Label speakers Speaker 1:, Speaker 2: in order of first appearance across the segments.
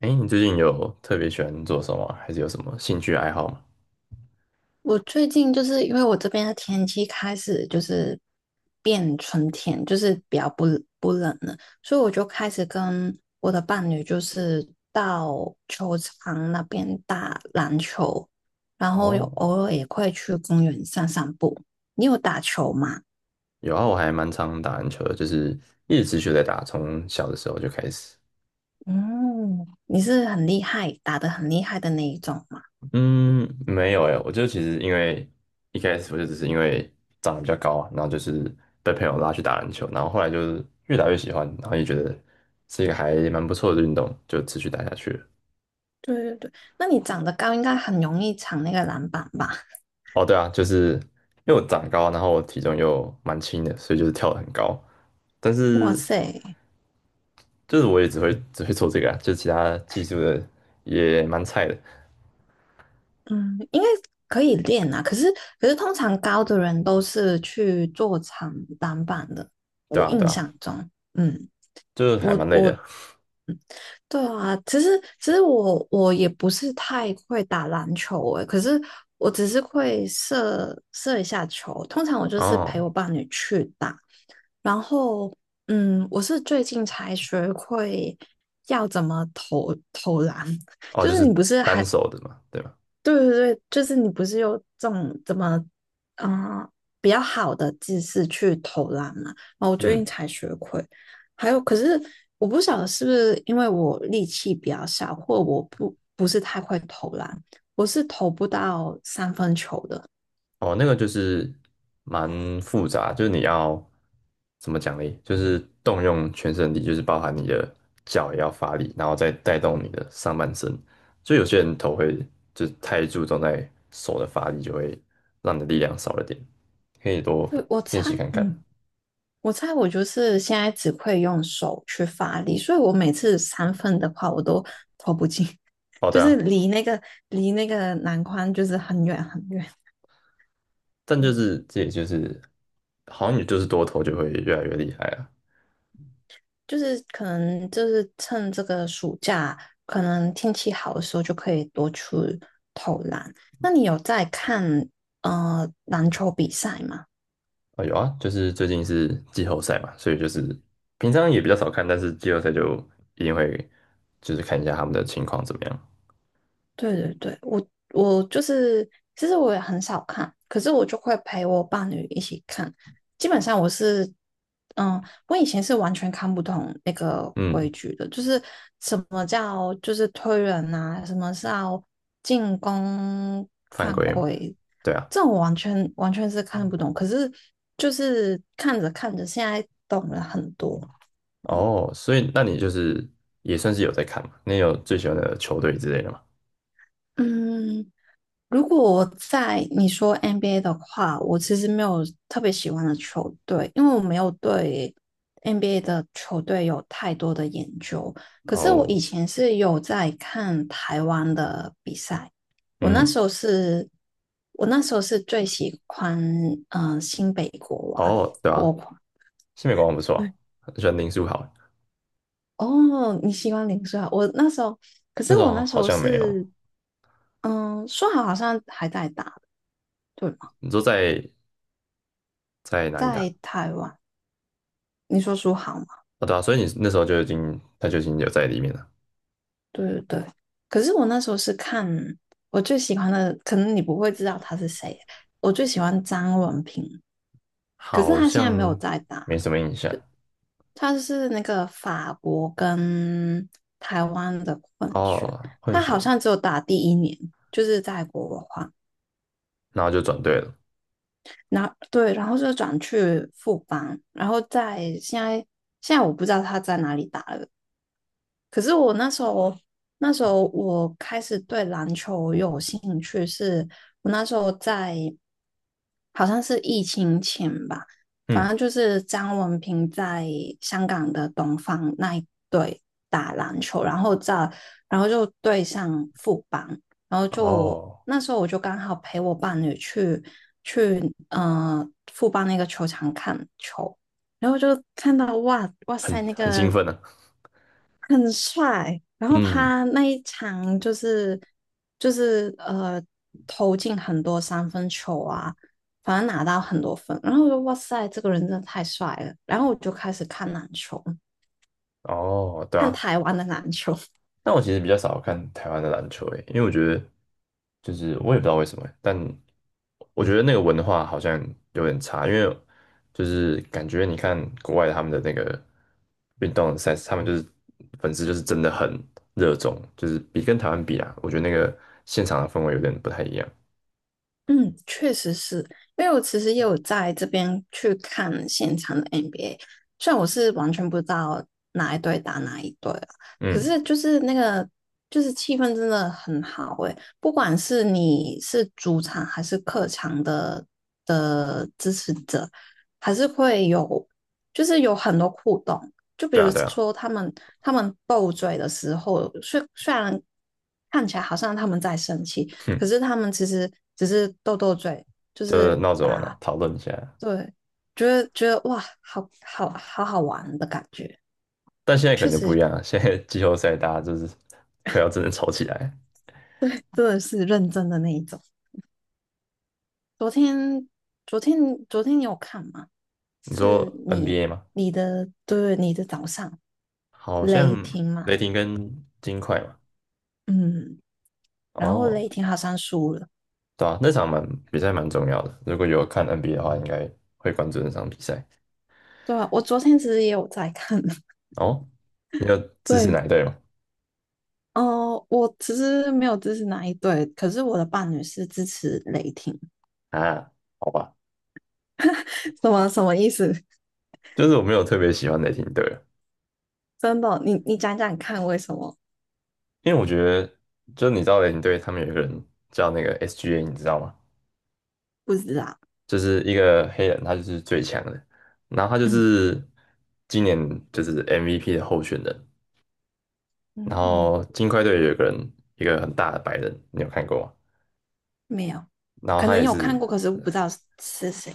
Speaker 1: 哎，你最近有特别喜欢做什么啊还是有什么兴趣爱好吗？
Speaker 2: 我最近就是因为我这边的天气开始就是变春天，就是比较不冷了，所以我就开始跟我的伴侣就是到球场那边打篮球，然后有
Speaker 1: 哦，
Speaker 2: 偶尔也会去公园散散步。你有打球吗？
Speaker 1: 有啊，我还蛮常打篮球的，就是一直持续在打，从小的时候就开始。
Speaker 2: 嗯，你是很厉害，打得很厉害的那一种吗？
Speaker 1: 嗯，没有哎，我就其实因为一开始我就只是因为长得比较高啊，然后就是被朋友拉去打篮球，然后后来就是越打越喜欢，然后也觉得是一个还蛮不错的运动，就持续打下去了。
Speaker 2: 对对对，那你长得高，应该很容易抢那个篮板吧？
Speaker 1: 哦，对啊，就是因为我长高，然后我体重又蛮轻的，所以就是跳得很高。但
Speaker 2: 哇
Speaker 1: 是
Speaker 2: 塞！
Speaker 1: 就是我也只会 只会做这个啊，就其他技术的也蛮菜的，
Speaker 2: 嗯，应该可以练啊。可是通常高的人都是去做长短板的，
Speaker 1: 对
Speaker 2: 我
Speaker 1: 啊对
Speaker 2: 印
Speaker 1: 啊，
Speaker 2: 象中。嗯，
Speaker 1: 就是还
Speaker 2: 我
Speaker 1: 蛮累的。
Speaker 2: 我对啊，其实我也不是太会打篮球诶，可是我只是会射射一下球。通常我就是陪
Speaker 1: 哦
Speaker 2: 我伴侣去打，然后我是最近才学会要怎么投投篮。
Speaker 1: 哦，
Speaker 2: 就
Speaker 1: 就
Speaker 2: 是
Speaker 1: 是
Speaker 2: 你不是
Speaker 1: 单
Speaker 2: 还
Speaker 1: 手的嘛，对吧？
Speaker 2: 对对对，就是你不是有这种怎么，啊比较好的姿势去投篮嘛？然后我最近
Speaker 1: 嗯，
Speaker 2: 才学会，还有可是我不晓得是不是因为我力气比较小，或我不是太会投篮，我是投不到三分球的。
Speaker 1: 哦，那个就是蛮复杂，就是你要怎么奖励，就是动用全身力，就是包含你的脚也要发力，然后再带动你的上半身。就有些人头会就是太注重在手的发力，就会让你的力量少了点，可以多
Speaker 2: 对，我
Speaker 1: 练
Speaker 2: 猜，
Speaker 1: 习看看。
Speaker 2: 嗯，我猜我就是现在只会用手去发力，所以我每次三分的话，我都
Speaker 1: 哦，对
Speaker 2: 就是
Speaker 1: 啊，
Speaker 2: 离那个篮筐就是很远很远。
Speaker 1: 但就是这也就是好像也就是多头就会越来越厉害啊。
Speaker 2: 就是可能就是趁这个暑假，可能天气好的时候就可以多去投篮。那你有在看篮球比赛吗？
Speaker 1: 啊有啊，就是最近是季后赛嘛，所以就是平常也比较少看，但是季后赛就一定会就是看一下他们的情况怎么样。
Speaker 2: 对对对，我就是，其实我也很少看，可是我就会陪我伴侣一起看。基本上我是，嗯，我以前是完全看不懂那个规
Speaker 1: 嗯，
Speaker 2: 矩的，就是什么叫就是推人啊，什么是要进攻
Speaker 1: 犯
Speaker 2: 犯
Speaker 1: 规嘛。
Speaker 2: 规，
Speaker 1: 对啊。
Speaker 2: 这种我完全是看不懂。可是就是看着看着，现在懂了很多。
Speaker 1: 哦，所以那你就是也算是有在看嘛？你有最喜欢的球队之类的吗？
Speaker 2: 嗯，如果我在你说 NBA 的话，我其实没有特别喜欢的球队，因为我没有对 NBA 的球队有太多的研究。可是我以
Speaker 1: 哦，
Speaker 2: 前是有在看台湾的比赛，我那
Speaker 1: 嗯，
Speaker 2: 时候是，我那时候是最喜欢新北国王
Speaker 1: 哦，对
Speaker 2: 国
Speaker 1: 啊，
Speaker 2: 王。
Speaker 1: 西美国王不错啊，
Speaker 2: 对，
Speaker 1: 很喜欢林书豪，
Speaker 2: 哦，你喜欢林书豪？我那时候，可
Speaker 1: 那
Speaker 2: 是我
Speaker 1: 种
Speaker 2: 那时
Speaker 1: 好
Speaker 2: 候
Speaker 1: 像没有。
Speaker 2: 是，嗯，书豪好像还在打，对吗？
Speaker 1: 你说在哪里打？
Speaker 2: 在台湾。你说书好吗？
Speaker 1: 啊对啊，所以你那时候就已经，他就已经有在里面了，
Speaker 2: 对对对。可是我那时候是看我最喜欢的，可能你不会知道他是谁。我最喜欢张文平，可是
Speaker 1: 好
Speaker 2: 他现
Speaker 1: 像
Speaker 2: 在没有在打，
Speaker 1: 没什么印象。
Speaker 2: 他是那个法国跟台湾的混血，
Speaker 1: 哦，混
Speaker 2: 他
Speaker 1: 血
Speaker 2: 好
Speaker 1: 的，
Speaker 2: 像只有打第一年，就是在国华，
Speaker 1: 然后就转队了。
Speaker 2: 然后对，然后就转去富邦，然后在现在我不知道他在哪里打了，可是我那时候，那时候我开始对篮球有兴趣是，我那时候在好像是疫情前吧，反
Speaker 1: 嗯，
Speaker 2: 正就是张文平在香港的东方那一队打篮球，然后在然后就对上富邦，然后就
Speaker 1: 哦，
Speaker 2: 那时候我就刚好陪我伴侣去呃富邦那个球场看球，然后就看到哇哇
Speaker 1: 很
Speaker 2: 塞那
Speaker 1: 很兴
Speaker 2: 个
Speaker 1: 奋呢、啊。
Speaker 2: 很帅。然后
Speaker 1: 嗯，
Speaker 2: 他那一场就是就是投进很多三分球啊，反正拿到很多分。然后我就哇塞，这个人真的太帅了。然后我就开始看篮球，
Speaker 1: 哦，对
Speaker 2: 看
Speaker 1: 啊，
Speaker 2: 台湾的篮球。
Speaker 1: 但我其实比较少看台湾的篮球诶，因为我觉得就是我也不知道为什么欸，但我觉得那个文化好像有点差，因为就是感觉你看国外他们的那个运动赛事，他们就是粉丝就是真的很热衷，就是比跟台湾比啊，我觉得那个现场的氛围有点不太一样。
Speaker 2: 嗯，确实是，因为我其实也有在这边去看现场的 NBA，虽然我是完全不知道哪一队打哪一队啊，可
Speaker 1: 嗯，
Speaker 2: 是就是那个就是气氛真的很好诶，不管是你是主场还是客场的支持者，还是会有就是有很多互动，就比
Speaker 1: 对啊，
Speaker 2: 如
Speaker 1: 对啊，
Speaker 2: 说他们斗嘴的时候，虽然看起来好像他们在生气。可
Speaker 1: 哼，
Speaker 2: 是他们其实只是斗斗嘴，就
Speaker 1: 就
Speaker 2: 是
Speaker 1: 闹着玩啊，
Speaker 2: 打，
Speaker 1: 讨论一下。
Speaker 2: 对，觉得哇，好好玩的感觉，
Speaker 1: 但现在可能就不一样了，现在 季后赛大家就是快要真的吵起来。
Speaker 2: 真的是认真的那一种。昨天昨天昨天你有看吗？
Speaker 1: 你
Speaker 2: 是
Speaker 1: 说
Speaker 2: 你
Speaker 1: NBA 吗？
Speaker 2: 你的早上
Speaker 1: 好
Speaker 2: 雷
Speaker 1: 像
Speaker 2: 霆嘛，
Speaker 1: 雷霆跟金块嘛。
Speaker 2: 嗯，然后
Speaker 1: 哦，
Speaker 2: 雷霆好像输了，
Speaker 1: 对啊，那场蛮比赛蛮重要的。如果有看 NBA 的话，应该会关注那场比赛。
Speaker 2: 对啊，我昨天其实也有在看，
Speaker 1: 哦，你有 支持
Speaker 2: 对，
Speaker 1: 哪一队吗？
Speaker 2: 哦、我其实没有支持哪一队，可是我的伴侣是支持雷霆，
Speaker 1: 啊，好吧，
Speaker 2: 什么意思？
Speaker 1: 就是我没有特别喜欢雷霆队啊。
Speaker 2: 真的，你讲讲看为什么？
Speaker 1: 因为我觉得，就你知道雷霆队他们有一个人叫那个 SGA，你知道吗？
Speaker 2: 不知道，
Speaker 1: 就是一个黑人，他就是最强的，然后他就
Speaker 2: 嗯
Speaker 1: 是今年就是 MVP 的候选人。
Speaker 2: 嗯，
Speaker 1: 然
Speaker 2: 嗯，
Speaker 1: 后金块队有一个人，一个很大的白人，你有看过吗？
Speaker 2: 没有，
Speaker 1: 然后
Speaker 2: 可
Speaker 1: 他
Speaker 2: 能
Speaker 1: 也
Speaker 2: 有
Speaker 1: 是。
Speaker 2: 看过，可是不知道是谁。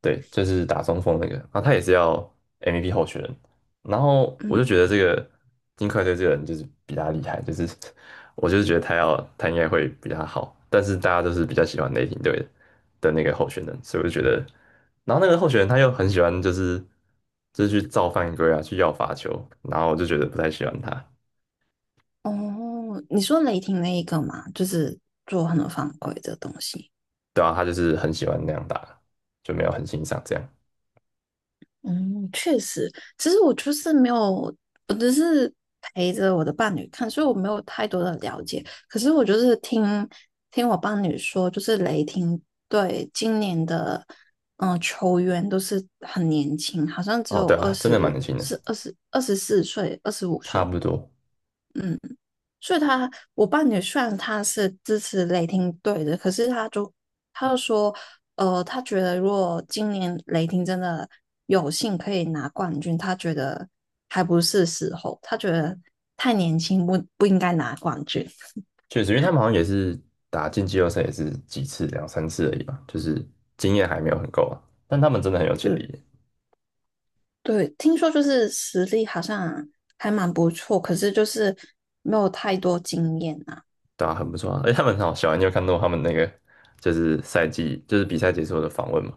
Speaker 1: 对，就是打中锋那个，然后他也是要 MVP 候选人，然后我就
Speaker 2: 嗯，
Speaker 1: 觉得这个金块队这个人就是比他厉害，就是 我就是觉得他要他应该会比他好，但是大家都是比较喜欢雷霆队的那个候选人，所以我就觉得，然后那个候选人他又很喜欢就是去造犯规啊，去要罚球，然后我就觉得不太喜欢他。
Speaker 2: 哦，你说雷霆那一个嘛，就是做很多犯规的东西。
Speaker 1: 对啊，他就是很喜欢那样打，就没有很欣赏这样。
Speaker 2: 嗯，确实，其实我就是没有，我只是陪着我的伴侣看，所以我没有太多的了解。可是我就是听我伴侣说，就是雷霆队今年的嗯、球员都是很年轻，好像只
Speaker 1: 哦，
Speaker 2: 有
Speaker 1: 对
Speaker 2: 二
Speaker 1: 啊，真的蛮
Speaker 2: 十
Speaker 1: 年轻的，
Speaker 2: 是二十24岁、二十五
Speaker 1: 差
Speaker 2: 岁，
Speaker 1: 不多。
Speaker 2: 嗯。所以他，我伴侣虽然他是支持雷霆队的，可是他就说，他觉得如果今年雷霆真的有幸可以拿冠军，他觉得还不是时候，他觉得太年轻不应该拿冠军。
Speaker 1: 确实，因为他们好像也是打进季后赛也是几次，两三次而已吧，就是经验还没有很够啊。但他们真的很有
Speaker 2: 就
Speaker 1: 潜力，
Speaker 2: 对，听说就是实力好像还蛮不错，可是就是没有太多经验啊。
Speaker 1: 对啊，很不错啊。而且他们很好笑啊，你有看到他们那个就是赛季就是比赛结束的访问嘛？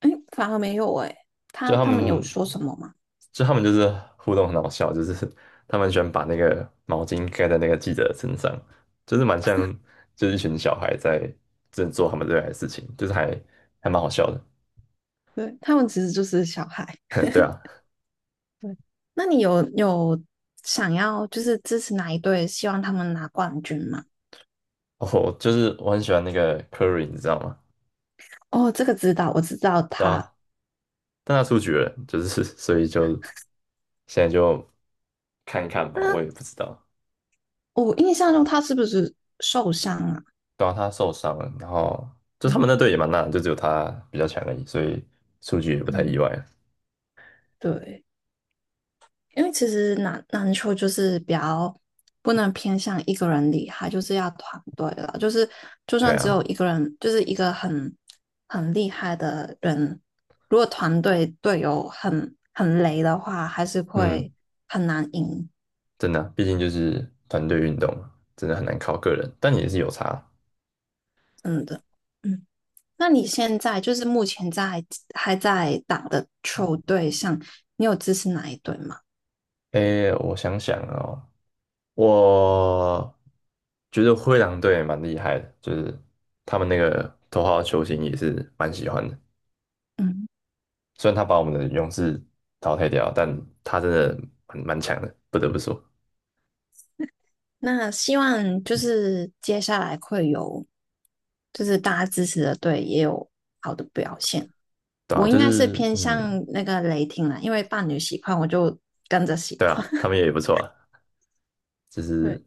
Speaker 2: 哎，反而没有哎、
Speaker 1: 就
Speaker 2: 他
Speaker 1: 他
Speaker 2: 他们有
Speaker 1: 们
Speaker 2: 说什么吗？
Speaker 1: 就他们就是互动很好笑，就是他们喜欢把那个毛巾盖在那个记者的身上，就是蛮像就是一群小孩在正做他们热爱的事情，就是还蛮好笑的。
Speaker 2: 对，他们其实就是小孩。
Speaker 1: 对啊，
Speaker 2: 对，那你有想要就是支持哪一队，希望他们拿冠军吗？
Speaker 1: 我就是我很喜欢那个 Curry，你知道吗？
Speaker 2: 哦，这个知道，我知道
Speaker 1: 对
Speaker 2: 他。
Speaker 1: 啊，但他出局了，就是 所以就现在就看一看吧，
Speaker 2: 他
Speaker 1: 我也不知道。
Speaker 2: 我印象中他是不是受伤啊？
Speaker 1: 对啊，他受伤了，然后就他
Speaker 2: 嗯
Speaker 1: 们那队也蛮烂的，就只有他比较强而已，所以出局也不太意
Speaker 2: 嗯，
Speaker 1: 外。
Speaker 2: 对，因为其实篮球就是比较不能偏向一个人厉害，就是要团队了，就是就
Speaker 1: 对
Speaker 2: 算只有
Speaker 1: 啊，
Speaker 2: 一个人，就是一个很厉害的人，如果团队队友很雷的话，还是
Speaker 1: 嗯，
Speaker 2: 会很难赢。
Speaker 1: 真的啊毕竟就是团队运动嘛，真的很难靠个人，但也是有差。
Speaker 2: 嗯的，嗯，那你现在就是目前在还在打的球队上，你有支持哪一队吗？
Speaker 1: 诶，我想想哦，我觉得灰狼队蛮厉害的，就是他们那个头号球星也是蛮喜欢的。
Speaker 2: 嗯，
Speaker 1: 虽然他把我们的勇士淘汰掉，但他真的蛮强的，不得不说。
Speaker 2: 那希望就是接下来会有，就是大家支持的队也有好的表现。
Speaker 1: 对啊，
Speaker 2: 我应
Speaker 1: 就
Speaker 2: 该是
Speaker 1: 是
Speaker 2: 偏
Speaker 1: 嗯，
Speaker 2: 向那个雷霆啦，因为伴侣喜欢，我就跟着喜
Speaker 1: 对
Speaker 2: 欢。
Speaker 1: 啊，他 们也不错啊，就是
Speaker 2: 对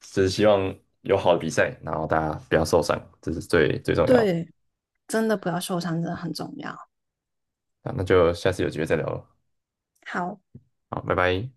Speaker 1: 只是希望有好的比赛，然后大家不要受伤，这是最最重要
Speaker 2: 对，真的不要受伤，真的很重要。
Speaker 1: 啊。那就下次有机会再聊了，
Speaker 2: 好。
Speaker 1: 好，拜拜。